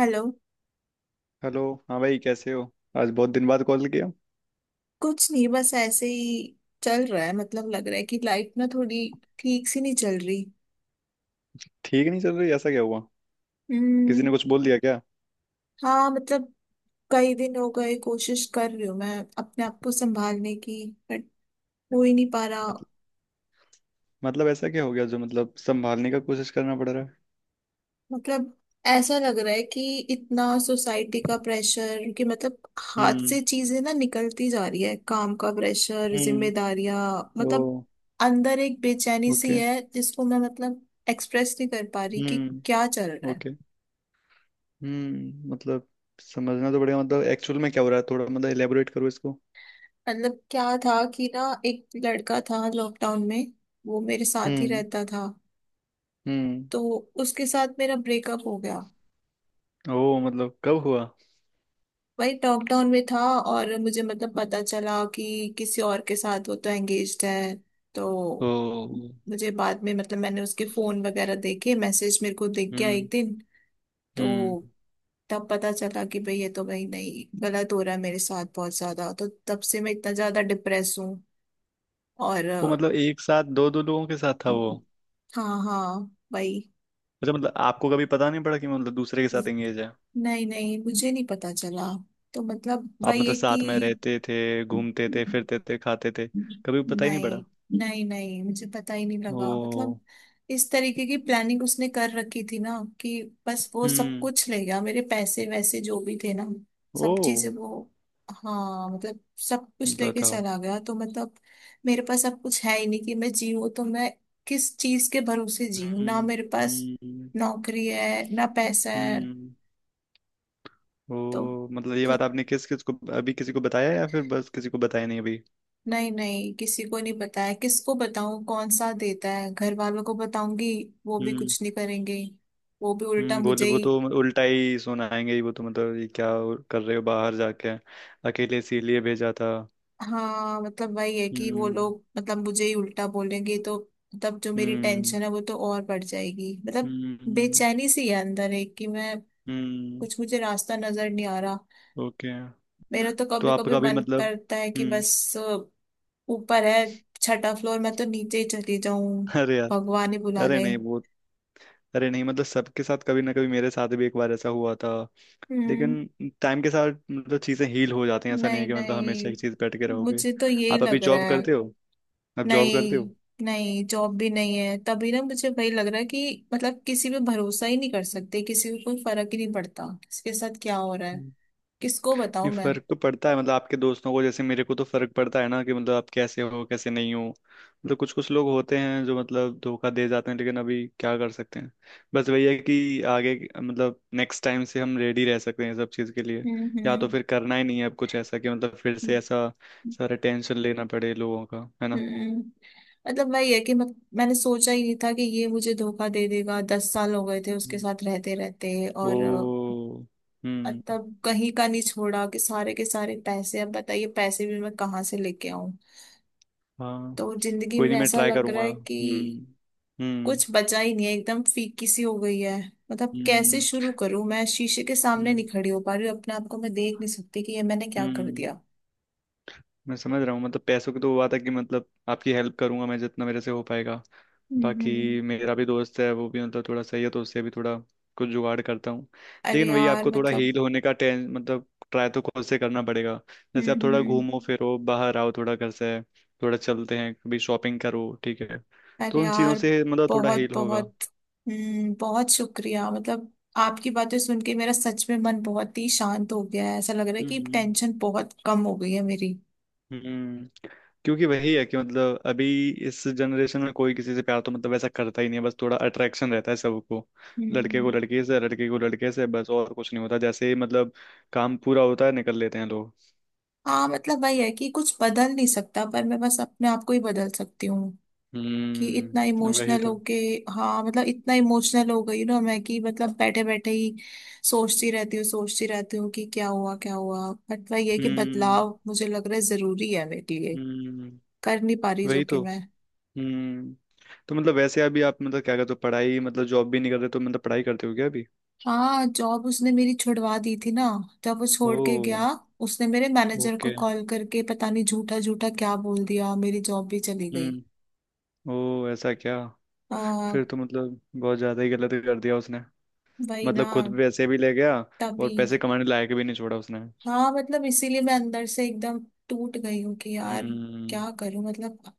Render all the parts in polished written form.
Hello. Hello. हाँ भाई कैसे हो। आज बहुत दिन बाद कॉल किया। कुछ नहीं, बस ऐसे ही चल रहा है। मतलब लग रहा है कि लाइफ ना थोड़ी ठीक सी नहीं चल रही। ठीक नहीं चल रही, ऐसा क्या हुआ। किसी हम्म। ने कुछ बोल दिया क्या। हाँ मतलब कई दिन हो गए कोशिश कर रही हूँ मैं अपने आप को संभालने की, बट हो ही नहीं पा रहा। मतलब मतलब ऐसा क्या हो गया जो मतलब संभालने का कोशिश करना पड़ रहा है। मतलब ऐसा लग रहा है कि इतना सोसाइटी का प्रेशर कि मतलब हाथ हम्म। से चीजें ना निकलती जा रही है, काम का प्रेशर, हम्म। जिम्मेदारियां। ओ। मतलब अंदर एक बेचैनी सी ओके। है जिसको मैं मतलब एक्सप्रेस नहीं कर पा रही कि हम्म। क्या चल रहा है। ओके। हम्म, मतलब समझना तो पड़ेगा, मतलब एक्चुअल में क्या हो रहा है। थोड़ा मतलब एलेबोरेट करो इसको। मतलब क्या था कि ना एक लड़का था लॉकडाउन में, वो मेरे साथ ही हम्म। रहता था। हम्म। तो उसके साथ मेरा ब्रेकअप हो गया। ओ मतलब कब हुआ। भाई लॉकडाउन में था, और मुझे मतलब पता चला कि किसी और के साथ वो तो एंगेज्ड है। तो ओ। मुझे बाद में मतलब मैंने उसके फोन वगैरह देखे, मैसेज मेरे को दिख गया हम्म। एक दिन। तो हम्म। तब पता चला कि भाई ये तो भाई नहीं, गलत हो रहा है मेरे साथ बहुत ज्यादा। तो तब से मैं इतना ज्यादा डिप्रेस हूँ। और वो मतलब एक साथ दो दो लोगों के साथ था वो। हाँ हाँ, भाई। अच्छा मतलब आपको कभी पता नहीं पड़ा कि मतलब दूसरे के साथ एंगेज है। नहीं नहीं, मुझे नहीं पता चला। तो मतलब आप वही मतलब है कि साथ में रहते थे, घूमते थे, फिरते थे, खाते थे, कभी पता ही नहीं पड़ा। नहीं। नहीं मुझे पता ही नहीं लगा मतलब। ओ। इस तरीके की प्लानिंग उसने कर रखी थी ना, कि बस वो सब हम्म। कुछ ले गया, मेरे पैसे वैसे जो भी थे ना, सब चीजें ओ। वो। हाँ मतलब सब कुछ लेके बताओ। चला गया। तो मतलब मेरे पास अब कुछ है ही नहीं कि मैं जीऊँ। तो मैं किस चीज के भरोसे जीऊँ, ना हम्म। मेरे पास हम्म। नौकरी है ना पैसा है। हम्म। ओ तो मतलब ये बात आपने किस किस को, अभी किसी को बताया या फिर बस किसी को बताया नहीं अभी। नहीं नहीं, किसी को नहीं पता है। किसको बताऊं, कौन सा देता है। घर वालों को बताऊंगी, वो भी हम्म। कुछ नहीं करेंगे। वो भी उल्टा हम्म, मुझे बोले वो ही। तो उल्टा ही सुनाएंगे ही वो तो, मतलब ये क्या कर रहे हो बाहर जाके अकेले, इसीलिए भेजा था। हाँ मतलब वही है कि वो हम्म। लोग मतलब मुझे ही उल्टा बोलेंगे। तो मतलब जो मेरी हम्म। टेंशन है वो तो और बढ़ जाएगी। मतलब हम्म। बेचैनी सी है अंदर एक कि मैं हम्म। कुछ, मुझे रास्ता नजर नहीं आ रहा। ओके। मेरा तो तो कभी कभी आपका भी मन मतलब। करता है कि हम्म। बस ऊपर है छठा फ्लोर, मैं तो नीचे ही चली जाऊं। अरे यार। भगवान ही बुला अरे ले। नहीं वो, अरे नहीं मतलब सबके साथ कभी ना कभी, मेरे साथ भी एक बार ऐसा हुआ था। हम्म। लेकिन टाइम के साथ मतलब चीजें हील हो जाती हैं, ऐसा नहीं नहीं है कि मतलब नहीं, हमेशा एक चीज बैठ के रहोगे। मुझे तो यही आप अभी लग रहा जॉब है। करते हो। आप जॉब करते नहीं, हो। नहीं जॉब भी नहीं है तभी ना मुझे वही लग रहा है कि मतलब किसी पे भरोसा ही नहीं कर सकते, किसी को कोई फर्क ही नहीं पड़ता किसके साथ क्या हो रहा है। किसको नहीं, बताऊं मैं। फर्क तो पड़ता है मतलब आपके दोस्तों को, जैसे मेरे को तो फर्क पड़ता है ना कि मतलब आप कैसे हो, कैसे नहीं हो। मतलब कुछ कुछ लोग होते हैं जो मतलब धोखा दे जाते हैं, लेकिन अभी क्या कर सकते हैं। बस वही है कि आगे, मतलब नेक्स्ट टाइम से हम रेडी रह सकते हैं ये सब चीज़ के लिए। हम्म। या तो हम्म। फिर करना ही नहीं है अब कुछ ऐसा कि मतलब फिर से ऐसा सारा टेंशन लेना पड़े लोगों का। है ना। हम्म। मतलब वही है कि मैंने सोचा ही नहीं था कि ये मुझे धोखा दे देगा। 10 साल हो गए थे उसके हम्म। साथ रहते रहते, ओ। और हम्म। तब कहीं का नहीं छोड़ा कि सारे के सारे पैसे। अब बताइए पैसे भी मैं कहाँ से लेके आऊं। हाँ। तो जिंदगी कोई नहीं, में मैं ऐसा ट्राई लग रहा करूंगा। है कि हम्म। हम्म। कुछ बचा ही नहीं है, एकदम फीकी सी हो गई है। मतलब कैसे हम्म। शुरू करूं मैं, शीशे के सामने नहीं हम्म। खड़ी हो पा रही हूँ, अपने आप को मैं देख नहीं सकती कि ये मैंने क्या कर हम्म, दिया। मैं समझ रहा हूँ। मतलब पैसों की तो हुआ था कि मतलब आपकी हेल्प करूंगा मैं, जितना मेरे से हो पाएगा। बाकी हम्म। मेरा भी दोस्त है, वो भी मतलब थोड़ा सही है तो उससे भी थोड़ा कुछ जुगाड़ करता हूँ। अरे लेकिन वही, यार आपको थोड़ा मतलब। हील होने का टें मतलब ट्राई तो खुद से करना पड़ेगा। हम्म जैसे आप थोड़ा हम्म, घूमो फिरो, बाहर आओ थोड़ा घर से, थोड़ा चलते हैं कभी, शॉपिंग करो, ठीक है। तो अरे उन चीज़ों यार, से मतलब थोड़ा बहुत हील होगा। बहुत। हम्म, बहुत शुक्रिया मतलब, आपकी बातें सुन के मेरा सच में मन बहुत ही शांत हो गया है। ऐसा लग रहा है कि हम्म। टेंशन बहुत कम हो गई है मेरी। हम्म। क्योंकि वही है कि मतलब अभी इस जनरेशन में कोई किसी से प्यार तो मतलब ऐसा करता ही नहीं है, बस थोड़ा अट्रैक्शन रहता है सबको। लड़के हम्म। को लड़की से, लड़की को लड़के से, बस और कुछ नहीं होता। जैसे ही मतलब काम पूरा होता है निकल लेते हैं लोग। हाँ मतलब वही है कि कुछ बदल नहीं सकता, पर मैं बस अपने आप को ही बदल सकती हूँ कि इतना वही इमोशनल तो। होके। हाँ मतलब इतना इमोशनल हो गई ना मैं कि मतलब बैठे बैठे ही सोचती रहती हूँ कि क्या हुआ क्या हुआ, बट वही है कि हम्म। बदलाव मुझे लग रहा है जरूरी है मेरे लिए, हम्म कर नहीं पा रही जो वही कि तो। मैं। हम्म, तो मतलब वैसे अभी आप मतलब क्या करते हो, पढ़ाई? मतलब जॉब भी नहीं कर रहे तो मतलब पढ़ाई करते हो क्या अभी। हाँ जॉब उसने मेरी छुड़वा दी थी ना, जब वो छोड़ के ओ। गया। उसने मेरे मैनेजर को ओके। कॉल करके पता नहीं झूठा झूठा क्या बोल दिया, मेरी जॉब भी चली गई। हम्म। ओ ऐसा क्या। आ, फिर तो मतलब बहुत ज्यादा ही गलत कर दिया उसने। वही मतलब ना। खुद पैसे भी ले गया तभी। और पैसे कमाने लायक भी नहीं छोड़ा उसने। हाँ मतलब इसीलिए मैं अंदर से एकदम टूट गई हूँ कि यार हम्म। क्या करूं मतलब।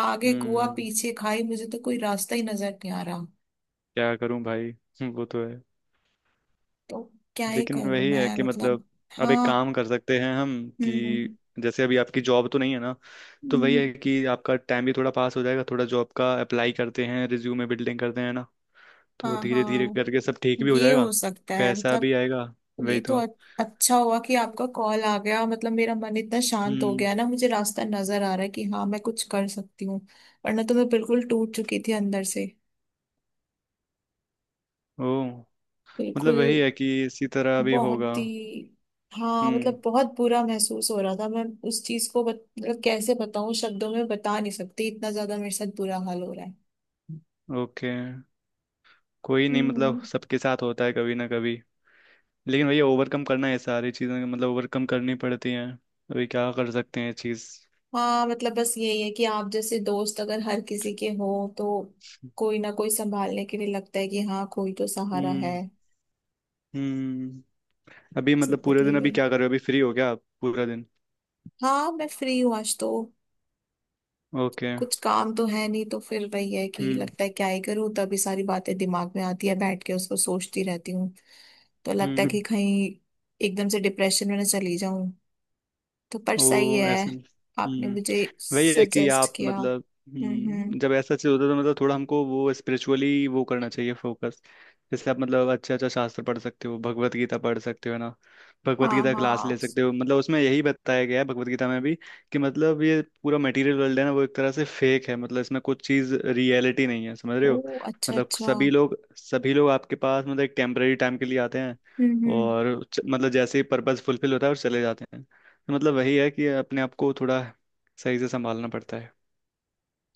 आगे कुआ हम्म। पीछे खाई, मुझे तो कोई रास्ता ही नजर नहीं आ रहा। क्या करूं भाई। वो तो है। तो क्या ही लेकिन करूं वही है मैं कि मतलब। मतलब अब एक हाँ। काम कर सकते हैं हम, हम्म कि जैसे अभी आपकी जॉब तो नहीं है ना, तो वही हम्म, है कि आपका टाइम भी थोड़ा पास हो जाएगा, थोड़ा जॉब का अप्लाई करते हैं, रिज्यूमे बिल्डिंग करते हैं ना। तो हाँ धीरे धीरे हाँ, करके सब ठीक भी हो ये जाएगा, हो सकता है पैसा मतलब। भी आएगा। ये वही तो तो। अ- अच्छा हुआ कि आपका कॉल आ गया, मतलब मेरा मन इतना शांत हो हम्म। गया ना, मुझे रास्ता नजर आ रहा है कि हाँ मैं कुछ कर सकती हूँ। वरना तो मैं बिल्कुल टूट चुकी थी अंदर से, ओ मतलब बिल्कुल। वही है कि इसी तरह भी होगा। बहुत ही। हाँ हम्म। मतलब बहुत बुरा महसूस हो रहा था मैं उस चीज को बत, मतलब कैसे बताऊं, शब्दों में बता नहीं सकती इतना ज्यादा मेरे साथ बुरा हाल हो रहा है। ओके। कोई नहीं, हम्म। मतलब सबके साथ होता है कभी ना कभी। लेकिन भैया ओवरकम करना है, सारी चीज़ें मतलब ओवरकम करनी पड़ती हैं। अभी क्या कर सकते हैं चीज़। हाँ मतलब बस यही है कि आप जैसे दोस्त अगर हर किसी के हो, तो कोई ना कोई संभालने के लिए लगता है कि हाँ कोई तो सहारा हम्म। है हम्म। अभी मतलब पूरे जिंदगी दिन अभी में। क्या कर रहे हो, अभी फ्री हो क्या आप पूरा दिन। हाँ मैं फ्री हूँ आज तो, ओके। कुछ काम तो है नहीं। तो फिर वही है कि हम्म। लगता है क्या ही करूँ, तभी सारी बातें दिमाग में आती है, बैठ के उसको सोचती रहती हूँ। तो लगता है हम्म। कि कहीं एकदम से डिप्रेशन में ना चली जाऊं। तो पर सही ओ है ऐसे। आपने हम्म। मुझे वही है कि सजेस्ट आप किया। मतलब, हम्म। हम्म, जब ऐसा चीज होता है तो मतलब थोड़ा हमको वो स्पिरिचुअली वो करना चाहिए, फोकस। जैसे आप मतलब अच्छा अच्छा शास्त्र पढ़ सकते हो, भगवत गीता पढ़ सकते हो, है ना। भगवत हाँ गीता क्लास ले हाँ। सकते हो। मतलब उसमें यही बताया गया है भगवत गीता में भी कि मतलब ये पूरा मटेरियल वर्ल्ड है ना, वो एक तरह से फेक है। मतलब इसमें कुछ चीज रियलिटी नहीं है, समझ रहे हो। ओ अच्छा मतलब अच्छा। सभी लोग सभी लोग आपके पास मतलब एक टेम्परेरी टाइम के लिए आते हैं, हम्म। और मतलब जैसे ही पर्पज फुलफिल होता है और चले जाते हैं। मतलब वही है कि अपने आप को थोड़ा सही से संभालना पड़ता है।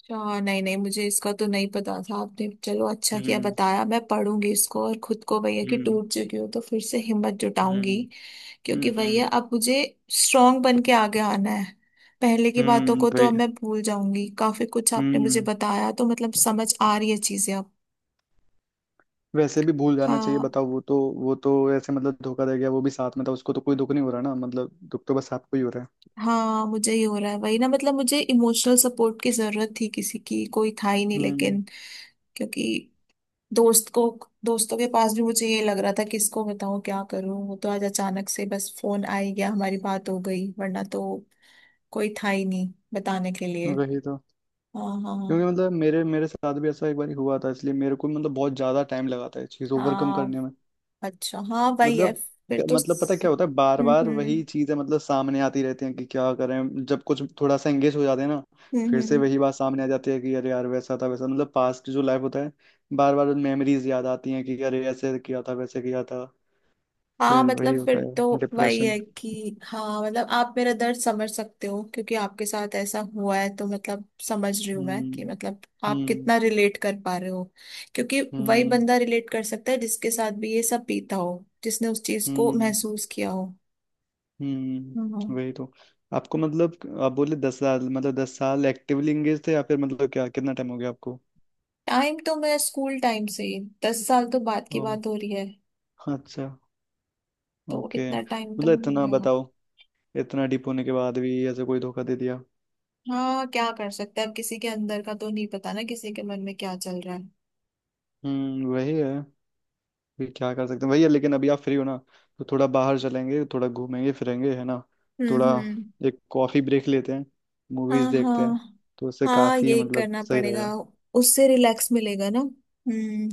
अच्छा, नहीं नहीं मुझे इसका तो नहीं पता था, आपने चलो अच्छा किया हम्म। बताया, मैं पढ़ूंगी इसको, और खुद को भैया कि हम्म। टूट चुकी हूँ तो फिर से हिम्मत जुटाऊंगी। हम्म। क्योंकि हम्म। भैया अब मुझे स्ट्रांग बन के आगे आना है। पहले की बातों को तो अब भाई। मैं भूल जाऊंगी, काफी कुछ आपने मुझे हम्म, बताया तो मतलब समझ आ रही है चीजें अब। वैसे भी भूल जाना चाहिए। हाँ। बताओ वो तो, वो तो ऐसे मतलब धोखा दे गया, वो भी साथ में था, उसको तो कोई दुख नहीं हो रहा ना, मतलब दुख तो बस आपको ही हो रहा है। हाँ मुझे ही हो रहा है वही ना। मतलब मुझे इमोशनल सपोर्ट की जरूरत थी किसी की, कोई था ही नहीं। हम्म लेकिन क्योंकि दोस्त को दोस्तों के पास भी मुझे ये लग रहा था किसको बताऊं क्या करूं। वो तो आज अचानक से बस फोन आ ही गया, हमारी बात हो गई, वरना तो कोई था ही नहीं बताने के लिए। वही तो। हाँ हाँ। क्योंकि मतलब मेरे मेरे साथ भी ऐसा एक बार हुआ था, इसलिए मेरे को मतलब बहुत ज्यादा टाइम लगा था ये चीज ओवरकम हाँ करने में। अच्छा हाँ वही है मतलब फिर तो मतलब पता है स- क्या होता है, बार बार हम्म। वही चीजें मतलब सामने आती रहती हैं कि क्या करें, जब कुछ थोड़ा सा एंगेज हो जाते हैं ना, फिर से हम्म। वही बात सामने आ जाती है कि अरे यार वैसा था वैसा, मतलब पास्ट जो लाइफ होता है, बार बार मेमोरीज याद आती हैं कि अरे ऐसे किया था, वैसे किया था। हाँ फिर वही मतलब होता फिर तो है वही डिप्रेशन। है कि हाँ मतलब आप मेरा दर्द समझ सकते हो क्योंकि आपके साथ ऐसा हुआ है, तो मतलब समझ रही हूँ मैं कि हम्म। मतलब आप हम्म। कितना रिलेट कर पा रहे हो। क्योंकि वही हम्म। बंदा रिलेट कर सकता है जिसके साथ भी ये सब बीता हो, जिसने उस चीज को हम्म। महसूस किया हो। हम्म। वही तो। आपको मतलब, आप बोले 10 साल, मतलब 10 साल एक्टिवली एंगेज थे या फिर मतलब क्या, कितना टाइम हो गया आपको। टाइम तो मैं स्कूल टाइम से ही, 10 साल तो बाद की ओ, बात हो रही है, अच्छा। तो ओके इतना टाइम तो मतलब हो इतना गया। बताओ, इतना डीप होने के बाद भी ऐसे कोई धोखा दे दिया। हाँ क्या कर सकते हैं, अब किसी के अंदर का तो नहीं पता ना किसी के मन में क्या चल रहा है। वही है, फिर क्या कर सकते हैं, वही है। लेकिन अभी आप फ्री हो ना, तो थोड़ा बाहर चलेंगे, थोड़ा घूमेंगे फिरेंगे, है ना। थोड़ा हम्म। एक कॉफी ब्रेक लेते हैं, मूवीज हाँ देखते हाँ हैं, तो उससे हाँ, काफी यही मतलब करना सही पड़ेगा, रहेगा। उससे रिलैक्स मिलेगा ना। हम्म,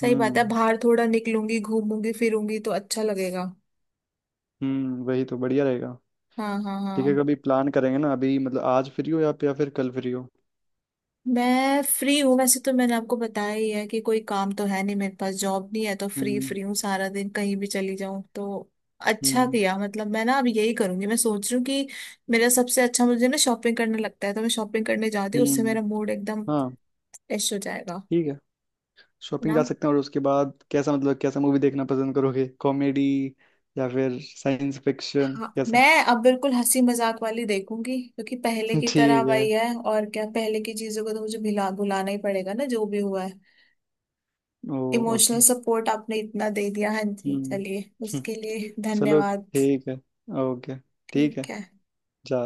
सही बात है, हम्म। बाहर थोड़ा निकलूंगी घूमूंगी फिरूंगी तो अच्छा लगेगा। वही तो, बढ़िया रहेगा। हाँ हाँ ठीक है, हाँ। कभी प्लान करेंगे ना, अभी मतलब आज फ्री हो या फिर कल फ्री हो। मैं फ्री हूँ, वैसे तो मैंने आपको बताया ही है कि कोई काम तो है नहीं मेरे पास, जॉब नहीं है तो फ्री हम्म। फ्री हूँ, सारा दिन कहीं भी चली जाऊँ। तो अच्छा हम्म। किया मतलब। मैं ना अब यही करूंगी, मैं सोच रही हूँ कि मेरा सबसे अच्छा मुझे ना शॉपिंग करने लगता है तो मैं शॉपिंग करने जाती हूँ, उससे हम्म। मेरा मूड एकदम हाँ। फ्रेश हो जाएगा ठीक है, शॉपिंग ना। जा सकते हैं और उसके बाद कैसा मतलब, कैसा मूवी देखना पसंद करोगे, कॉमेडी या फिर साइंस फिक्शन, हाँ कैसा। मैं अब बिल्कुल हंसी मजाक वाली देखूंगी, क्योंकि पहले की तरह ठीक है। वही है और क्या, पहले की चीजों को तो मुझे भुला भुलाना ही पड़ेगा ना जो भी हुआ है। ओ। Emotional okay. सपोर्ट आपने इतना दे दिया, हाँ जी हम्म। चलिए हम्म, उसके लिए चलो धन्यवाद। ठीक है। ओके। ठीक है। ठीक है। जाते हैं।